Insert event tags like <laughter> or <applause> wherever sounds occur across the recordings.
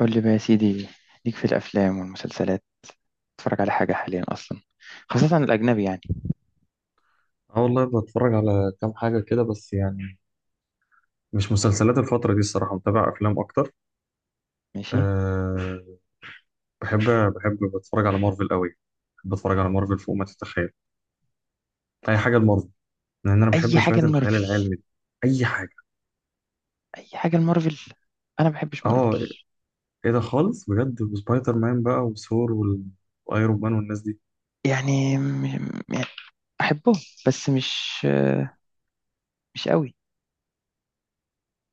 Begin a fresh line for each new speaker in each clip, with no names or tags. قول لي بقى يا سيدي، ليك في الافلام والمسلسلات، تتفرج على حاجه حاليا اصلا؟ خاصه الاجنبي يعني.
اه والله بتفرج على كام حاجة كده بس يعني مش مسلسلات الفترة دي الصراحة متابع أفلام أكتر.
ماشي.
أه بحب بحب بتفرج على مارفل قوي. بحب أتفرج على مارفل فوق ما تتخيل. أي حاجة لمارفل، لأن أنا
اي
بحب شوية
حاجه
الخيال
المارفل
العلمي دي. أي حاجة.
اي حاجه المارفل. انا ما بحبش مارفل.
أه إيه ده خالص بجد، وسبايدر مان بقى وثور وأيرون مان والناس دي.
يعني م... يعني احبه، بس مش قوي،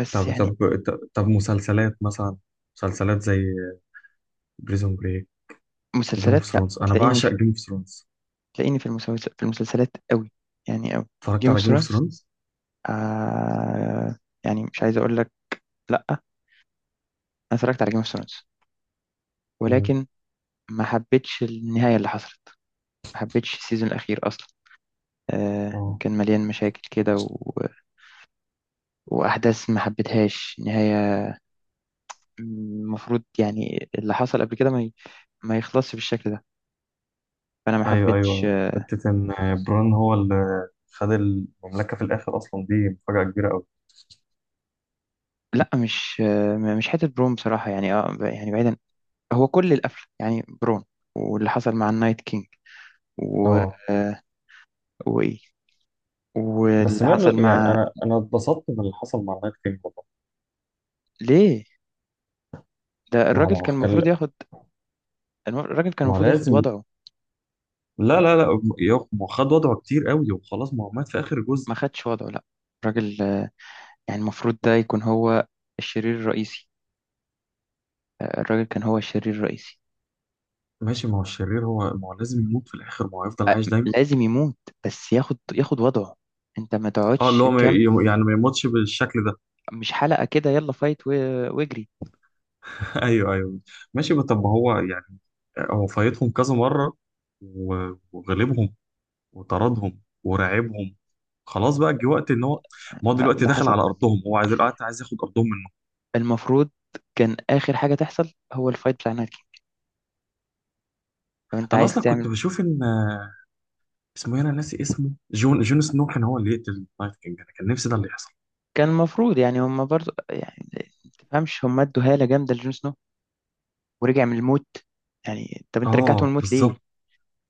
بس
طب
يعني.
طب، طب مسلسلات مثلا، مسلسلات زي بريزون بريك وجيم اوف
مسلسلات، لا،
ثرونز. أنا
تلاقيني
بعشق
في
جيم اوف ثرونز.
تلاقيني في المسلسل، في المسلسلات قوي، يعني قوي.
اتفرجت
جيم اوف
على جيم اوف
ثرونز،
ثرونز؟
آه... يعني مش عايز اقول لك، لا انا اتفرجت على جيم اوف ثرونز، ولكن ما حبيتش النهايه اللي حصلت، ما حبيتش السيزون الاخير اصلا.
اه،
كان مليان مشاكل كده وأحداث ما حبيتهاش نهاية. المفروض يعني اللي حصل قبل كده ما يخلصش بالشكل ده، فأنا ما
ايوه
حبيتش.
ايوه، حته ان بران هو اللي خد المملكه في الاخر اصلا، دي مفاجاه كبيره قوي.
لا، مش حتة برون بصراحة، يعني يعني بعيدا، هو كل القفل يعني برون. واللي حصل مع النايت كينج و...
اه
آه، وإيه،
بس
واللي
ميرلو
حصل
يعني
مع...
انا اتبسطت من اللي حصل مع نايت كينج والله.
ليه؟ ده
ما هو ما
الراجل كان
هو
المفروض
كان-
ياخد. الراجل كان
ما هو
المفروض ياخد
لازم.
وضعه،
لا لا لا، ما هو خد وضعه كتير قوي وخلاص، ما هو مات في اخر جزء.
ما خدش وضعه، لا. الراجل يعني المفروض ده يكون هو الشرير الرئيسي، الراجل كان هو الشرير الرئيسي.
ماشي، ما هو الشرير هو، ما هو لازم يموت في الاخر، ما هو يفضل عايش دايما.
لازم يموت، بس ياخد وضعه. انت ما
اه اللي
تقعدش
هو ما
كام
ي- يعني ما يموتش بالشكل ده.
مش حلقة كده، يلا فايت واجري.
<laughs> ايوه ايوه. ماشي بس طب ما هو يعني هو فايتهم كذا مره وغلبهم وطردهم ورعبهم، خلاص بقى جه وقت ان هو، ما هو
لا،
دلوقتي
اللي
داخل
حصل
على ارضهم، هو عايز الوقت، عايز ياخد ارضهم منه.
المفروض كان آخر حاجة تحصل هو الفايت بتاع ناكي، لو انت
انا
عايز
اصلا كنت
تعمل.
بشوف ان اسمه إيه؟ انا ناسي اسمه، جون سنو كان هو اللي يقتل نايت كينج، انا كان نفسي ده اللي يحصل.
كان المفروض، يعني هم برضو يعني ما تفهمش، هم ادوا هالة جامدة لجون سنو ورجع من الموت، يعني طب انت رجعته من
اه
الموت ليه؟
بالظبط.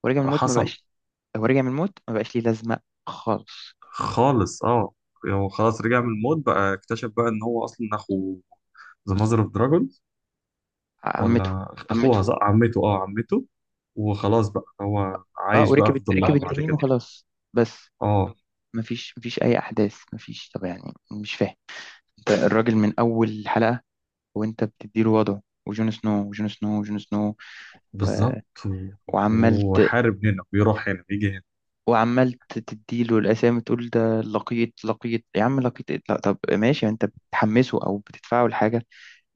ورجع من الموت ما
حصل.
بقاش، هو رجع من الموت ما بقاش ليه لازمة، خالص.
خالص اه. يعني هو خلاص رجع من الموت، بقى اكتشف بقى ان هو اصلا اخو ذا ماذر اوف دراجون،
عمته.
ولا اخوها؟ عمته، صح، عمته، اه عمته. وخلاص بقى هو
اه،
عايش
وركب
بقى في
الت-
ظلها
ركب
اه بعد
التنين
كده.
وخلاص، بس.
اه
مفيش اي احداث، مفيش، طب يعني مش فاهم. انت الراجل من اول حلقه وانت بتديله وضعه، وجون سنو وجون سنو وجون سنو و...
بالظبط.
وعملت.
وحارب هنا، بيروح هنا، بيجي هنا.
وعملت تديله الاسامي، تقول ده لقيط، لقيط يا عم، لقيط إيه؟ لا، طب ماشي يعني انت بتحمسه او بتدفعه لحاجه.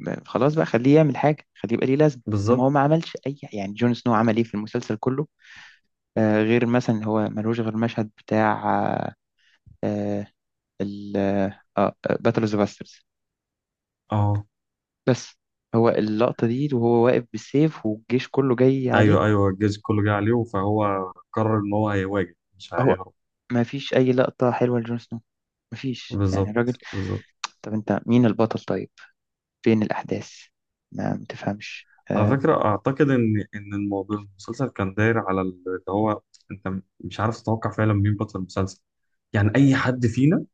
خلاص بقى خليه يعمل حاجه، خليه يبقى ليه لازمه. انما
بالظبط.
هو ما عملش اي، يعني جون سنو عمل ايه في المسلسل كله؟ غير مثلا هو ملوش غير المشهد بتاع آه ال آه باتل اوف ذا باسترز،
اه
بس. هو اللقطة دي وهو واقف بالسيف والجيش كله جاي عليه.
ايوه ايوه، الجيش كله جه عليه فهو قرر ان هو هيواجه مش
هو
هيهرب.
ما فيش أي لقطة حلوة لجون سنو، ما فيش يعني الراجل.
بالظبط بالظبط.
طب أنت مين البطل طيب، فين الأحداث، ما متفهمش
على فكره اعتقد ان ان الموضوع المسلسل كان داير على اللي هو، انت مش عارف تتوقع فعلا مين بطل المسلسل. يعني اي حد فينا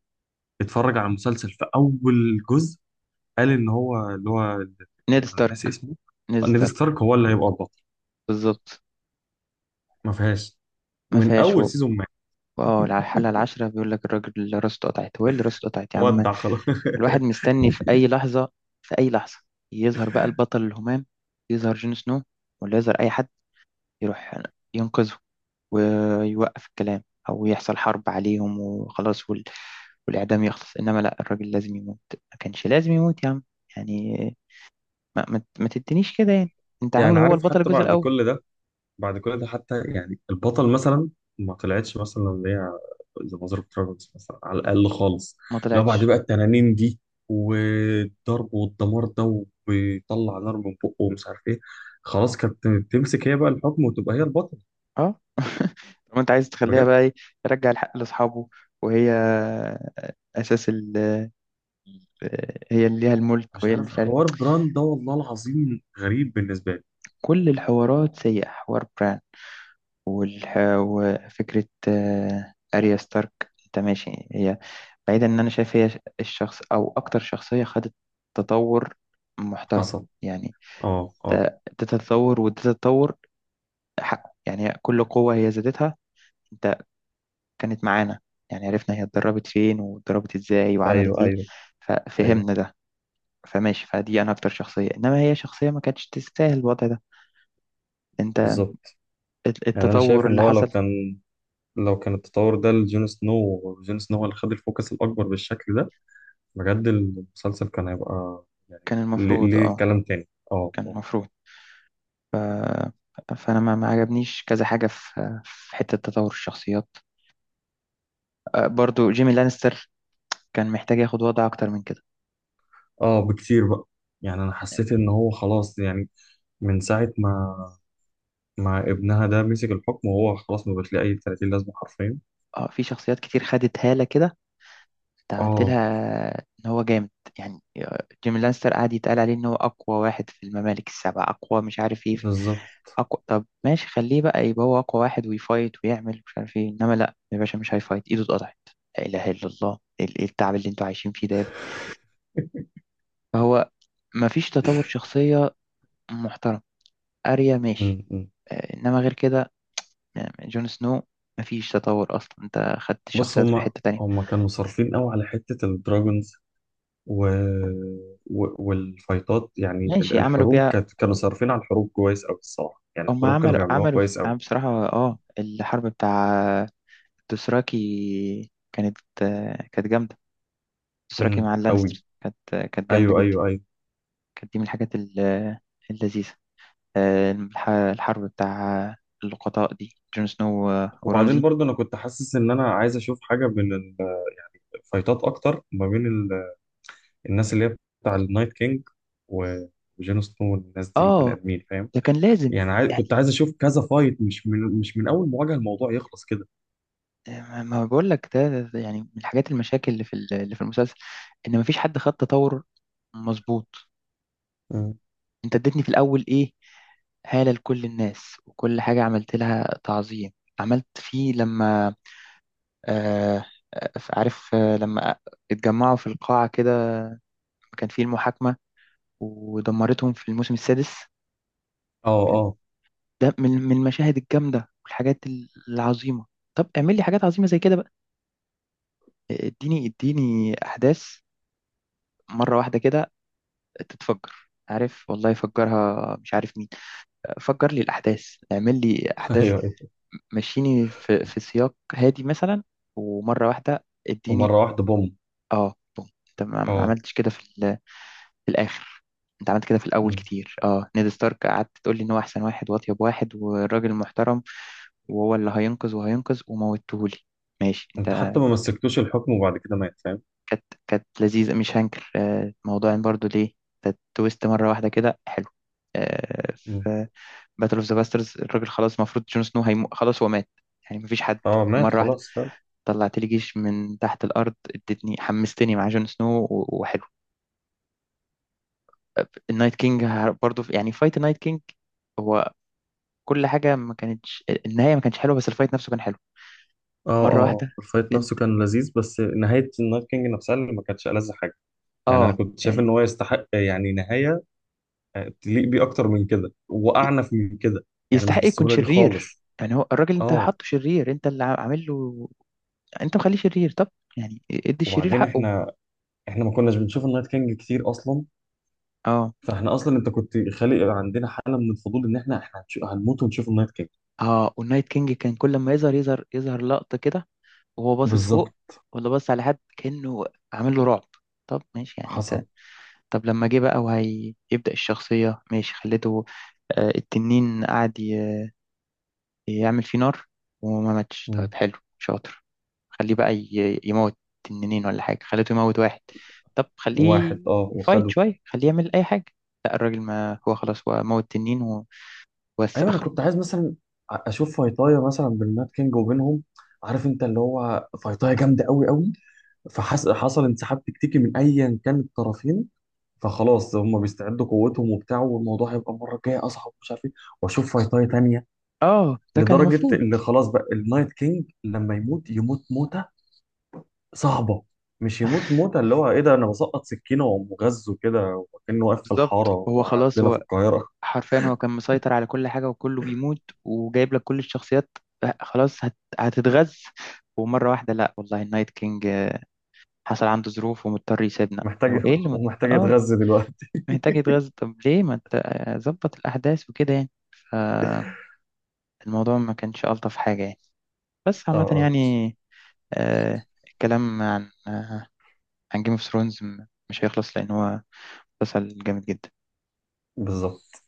اتفرج على المسلسل في اول جزء قال ان هو اللي هو
نيد
انا ناسي
ستارك.
اسمه،
نيد
نيد
ستارك،
ستارك، هو اللي هيبقى البطل.
بالظبط.
ما فيهاش
ما
من
فيهاش
اول
هو،
سيزون، ما
اه على الحلقة العاشرة بيقول لك الراجل اللي راسه اتقطعت، هو إيه اللي راسه اتقطعت يا عم؟
ودع خلاص.
الواحد
<laughs>
مستني في أي لحظة، في أي لحظة يظهر بقى البطل الهمام، يظهر جون سنو، ولا يظهر أي حد يروح ينقذه ويوقف الكلام، أو يحصل حرب عليهم وخلاص والإعدام يخلص، إنما لا، الراجل لازم يموت، ما كانش لازم يموت يا عم. يعني ما تدينيش كده يعني، أنت
يعني
عامله هو
عارف،
البطل
حتى
الجزء
بعد
الأول.
كل ده، بعد كل ده حتى يعني البطل مثلا ما طلعتش مثلا اللي هي ذا ماذر اوف ترايبلز مثلا على الاقل خالص.
ما
لو بعد
طلعتش،
بقى التنانين دي والضرب والدمار ده، وبيطلع نار من بقه ومش عارف ايه، خلاص كانت تمسك هي بقى الحكم وتبقى هي البطل
أه. <laughs> طب أنت عايز تخليها
بجد.
بقى إيه؟ يرجع الحق لأصحابه، وهي أساس هي اللي ليها الملك
مش
وهي اللي
عارف
مش عارف.
حوار براند ده والله العظيم غريب بالنسبه لي.
كل الحوارات سيئة، حوار بران، والح... وفكرة أريا ستارك. أنت ماشي، هي بعيدا إن أنا شايف هي الشخص أو أكتر شخصية خدت تطور محترم.
حصل.
يعني
اه اه.
تتطور وتتطور حقه، يعني كل قوة هي زادتها. أنت كانت معانا، يعني عرفنا هي اتدربت فين واتدربت إزاي وعملت
ايوه
إيه،
ايوه ايوه.
ففهمنا ده. فماشي، فدي أنا أكتر شخصية، إنما هي شخصية ما كانتش تستاهل الوضع ده. أنت
بالظبط. يعني انا شايف
التطور
ان
اللي
هو لو
حصل،
كان، لو كان التطور ده لجون سنو، وجون سنو هو اللي خد الفوكس الاكبر بالشكل ده، بجد المسلسل كان هيبقى يعني
كان
ليه
المفروض
ليه
آه
كلام تاني. اه
كان
اه.
المفروض فانا ما عجبنيش كذا حاجه في حته تطور الشخصيات. برضو جيمي لانستر كان محتاج ياخد وضع اكتر من كده.
بكتير بقى. يعني انا حسيت ان هو خلاص يعني، من ساعة ما ما ابنها ده مسك الحكم، وهو خلاص ما بقاش ليه اي 30 لازمة حرفيا.
اه في شخصيات كتير خدت هاله كده، انت عملت
اه
لها ان هو جامد. يعني جيمي لانستر قعد يتقال عليه ان هو اقوى واحد في الممالك السبع، اقوى مش عارف ايه،
بالظبط.
اقوى. طب ماشي، خليه بقى يبقى هو اقوى واحد، ويفايت ويعمل مش عارف ايه، انما لا يا باشا، مش هيفايت، ايده اتقطعت. لا اله الا الله، ايه التعب اللي انتوا عايشين فيه ده يا ابني. فهو مفيش تطور شخصيه محترم، اريا ماشي.
م- م.
انما غير كده، جون سنو مفيش تطور اصلا، انت خدت
بص
الشخصيات في
هما
حتة تانية.
هما كانوا صارفين قوي على حتة الدراجونز. و... والفايتات يعني
ماشي عملوا
الحروب
بيها،
كانت، كانوا صارفين على الحروب كويس قوي، الصراحة يعني
هم
الحروب كانوا
عملوا
بيعملوها
عملوا
كويس قوي.
عم بصراحة. اه، الحرب بتاع دوسراكي كانت جامدة. دوسراكي مع
قوي.
اللانستر كانت جامدة
ايوه
جدا.
ايوه ايوه.
كانت دي من الحاجات اللذيذة، الحرب بتاع اللقطاء دي، جون سنو
وبعدين
ورمزي.
برضه انا كنت حاسس ان انا عايز اشوف حاجه بين الفايتات اكتر، ما بين الناس اللي هي بتاع النايت كينج و- وجون سنو والناس دي، البني
اه،
ادمين فاهم.
ده كان لازم،
يعني عايز،
يعني
كنت عايز اشوف كذا فايت، مش من، مش من اول مواجهه الموضوع يخلص كده.
ما بقول لك ده يعني من الحاجات المشاكل اللي في اللي في المسلسل، ان مفيش حد خد تطور، مظبوط.
مم.
انت اديتني في الاول ايه؟ هالة لكل الناس، وكل حاجة عملت لها تعظيم، عملت فيه لما آه عارف، لما اتجمعوا في القاعة كده، كان فيه المحاكمة، ودمرتهم في الموسم السادس.
اه اه.
ده من المشاهد الجامدة والحاجات العظيمة. طب اعمل لي حاجات عظيمة زي كده بقى، اديني اديني أحداث، مرة واحدة كده تتفجر، عارف، والله فجرها مش عارف مين، فجر لي الأحداث، اعمل لي
<laughs>
أحداث.
ايوه ايوه.
مشيني في سياق هادي مثلا، ومرة واحدة اديني.
ومره واحده بوم.
اه، بوم، انت ما
اه.
عملتش كده في في الآخر. انت عملت كده في الأول
مم.
كتير، نيد ستارك قعدت تقول لي ان هو أحسن واحد وأطيب واحد والراجل محترم، وهو اللي هينقذ وهينقذ وموتهولي. ماشي انت،
انت حتى ما مسكتوش الحكم وبعد كده مات فاهم.
كانت لذيذة مش هنكر، موضوع إن برضو ليه ده تويست مرة واحدة كده حلو. آه،
مم.
باتل اوف ذا باسترز، الراجل خلاص المفروض جون سنو خلاص هو مات، يعني مفيش حد.
اه مات
مرة واحدة
خلاص فاهم.
طلعت لي جيش من تحت الأرض، ادتني، حمستني مع جون سنو وحلو. النايت كينج برضه يعني فايت النايت كينج هو، كل حاجة، ما كانتش النهاية ما كانتش حلوة، بس الفايت نفسه كان حلو.
اه اه
مرة
اه
واحدة
الفايت
انت،
نفسه كان لذيذ، بس نهايه النايت كينج نفسها اللي ما كانتش ألذ حاجه. يعني انا
اه
كنت شايف ان
يعني
هو يستحق يعني نهايه تليق بيه اكتر من كده،
ي-
واعنف من كده، يعني مش
يستحق يكون
بالسهوله دي
شرير،
خالص.
يعني هو الراجل انت
اه
حاطه شرير، انت اللي عامل له، انت مخليه شرير، طب يعني ادي الشرير
وبعدين
حقه.
احنا ما كناش بنشوف النايت كينج كتير اصلا،
اه،
فاحنا اصلا انت كنت خالق عندنا حاله من الفضول ان احنا هنموت ونشوف النايت كينج.
اه، والنايت كينج كان كل ما يظهر يظهر يظهر لقطة كده، وهو باصص فوق،
بالظبط.
ولا باصص على حد، كأنه عامل له رعب. طب ماشي يعني انت،
حصل.
طب لما جه بقى وهيبدأ الشخصية ماشي خليته، التنين قعد يعمل فيه نار وما ماتش،
مم.
طب حلو، شاطر، خليه بقى يموت تنين ولا حاجة، خليته يموت واحد، طب خليه
واحد اه
يفايت
وخده.
شوية، خليه يعمل أي حاجة. لا، الراجل ما هو خلاص هو موت تنين وبس
ايوه انا
آخره.
كنت عايز مثلا اشوف فايتايا مثلا بالنايت كينج وبينهم، عارف انت، اللي هو فايتايا جامده قوي قوي، فحصل انسحاب تكتيكي من ايا كان الطرفين، فخلاص هم بيستعدوا قوتهم وبتاع، والموضوع هيبقى المره الجايه اصعب ومش عارف ايه، واشوف فايتاي تانيه،
اه ده كان
لدرجه
المفروض،
اللي خلاص بقى النايت كينج لما يموت يموت موته صعبه. مش يموت موته اللي هو ايه ده، انا بسقط سكينه ومغزه كده، وكانه واقف في
بالظبط.
الحاره
هو خلاص
عندنا في
هو
القاهره
حرفيا هو كان مسيطر على كل حاجة، وكله بيموت، وجايب لك كل الشخصيات، خلاص هتتغز، ومرة واحدة لا والله، النايت كينج حصل عنده ظروف ومضطر يسيبنا، هو
محتاج. <laughs>
ايه اللي
ومحتاج
اه،
يتغذى دلوقتي.
محتاج يتغذى، طب ليه ما انت ظبط الأحداث وكده يعني. فالموضوع ما كانش ألطف حاجة يعني، بس
اه
عامة
اه
يعني الكلام عن جيم اوف ثرونز مش هيخلص، لأن هو مسلسل جامد جدا.
بالظبط.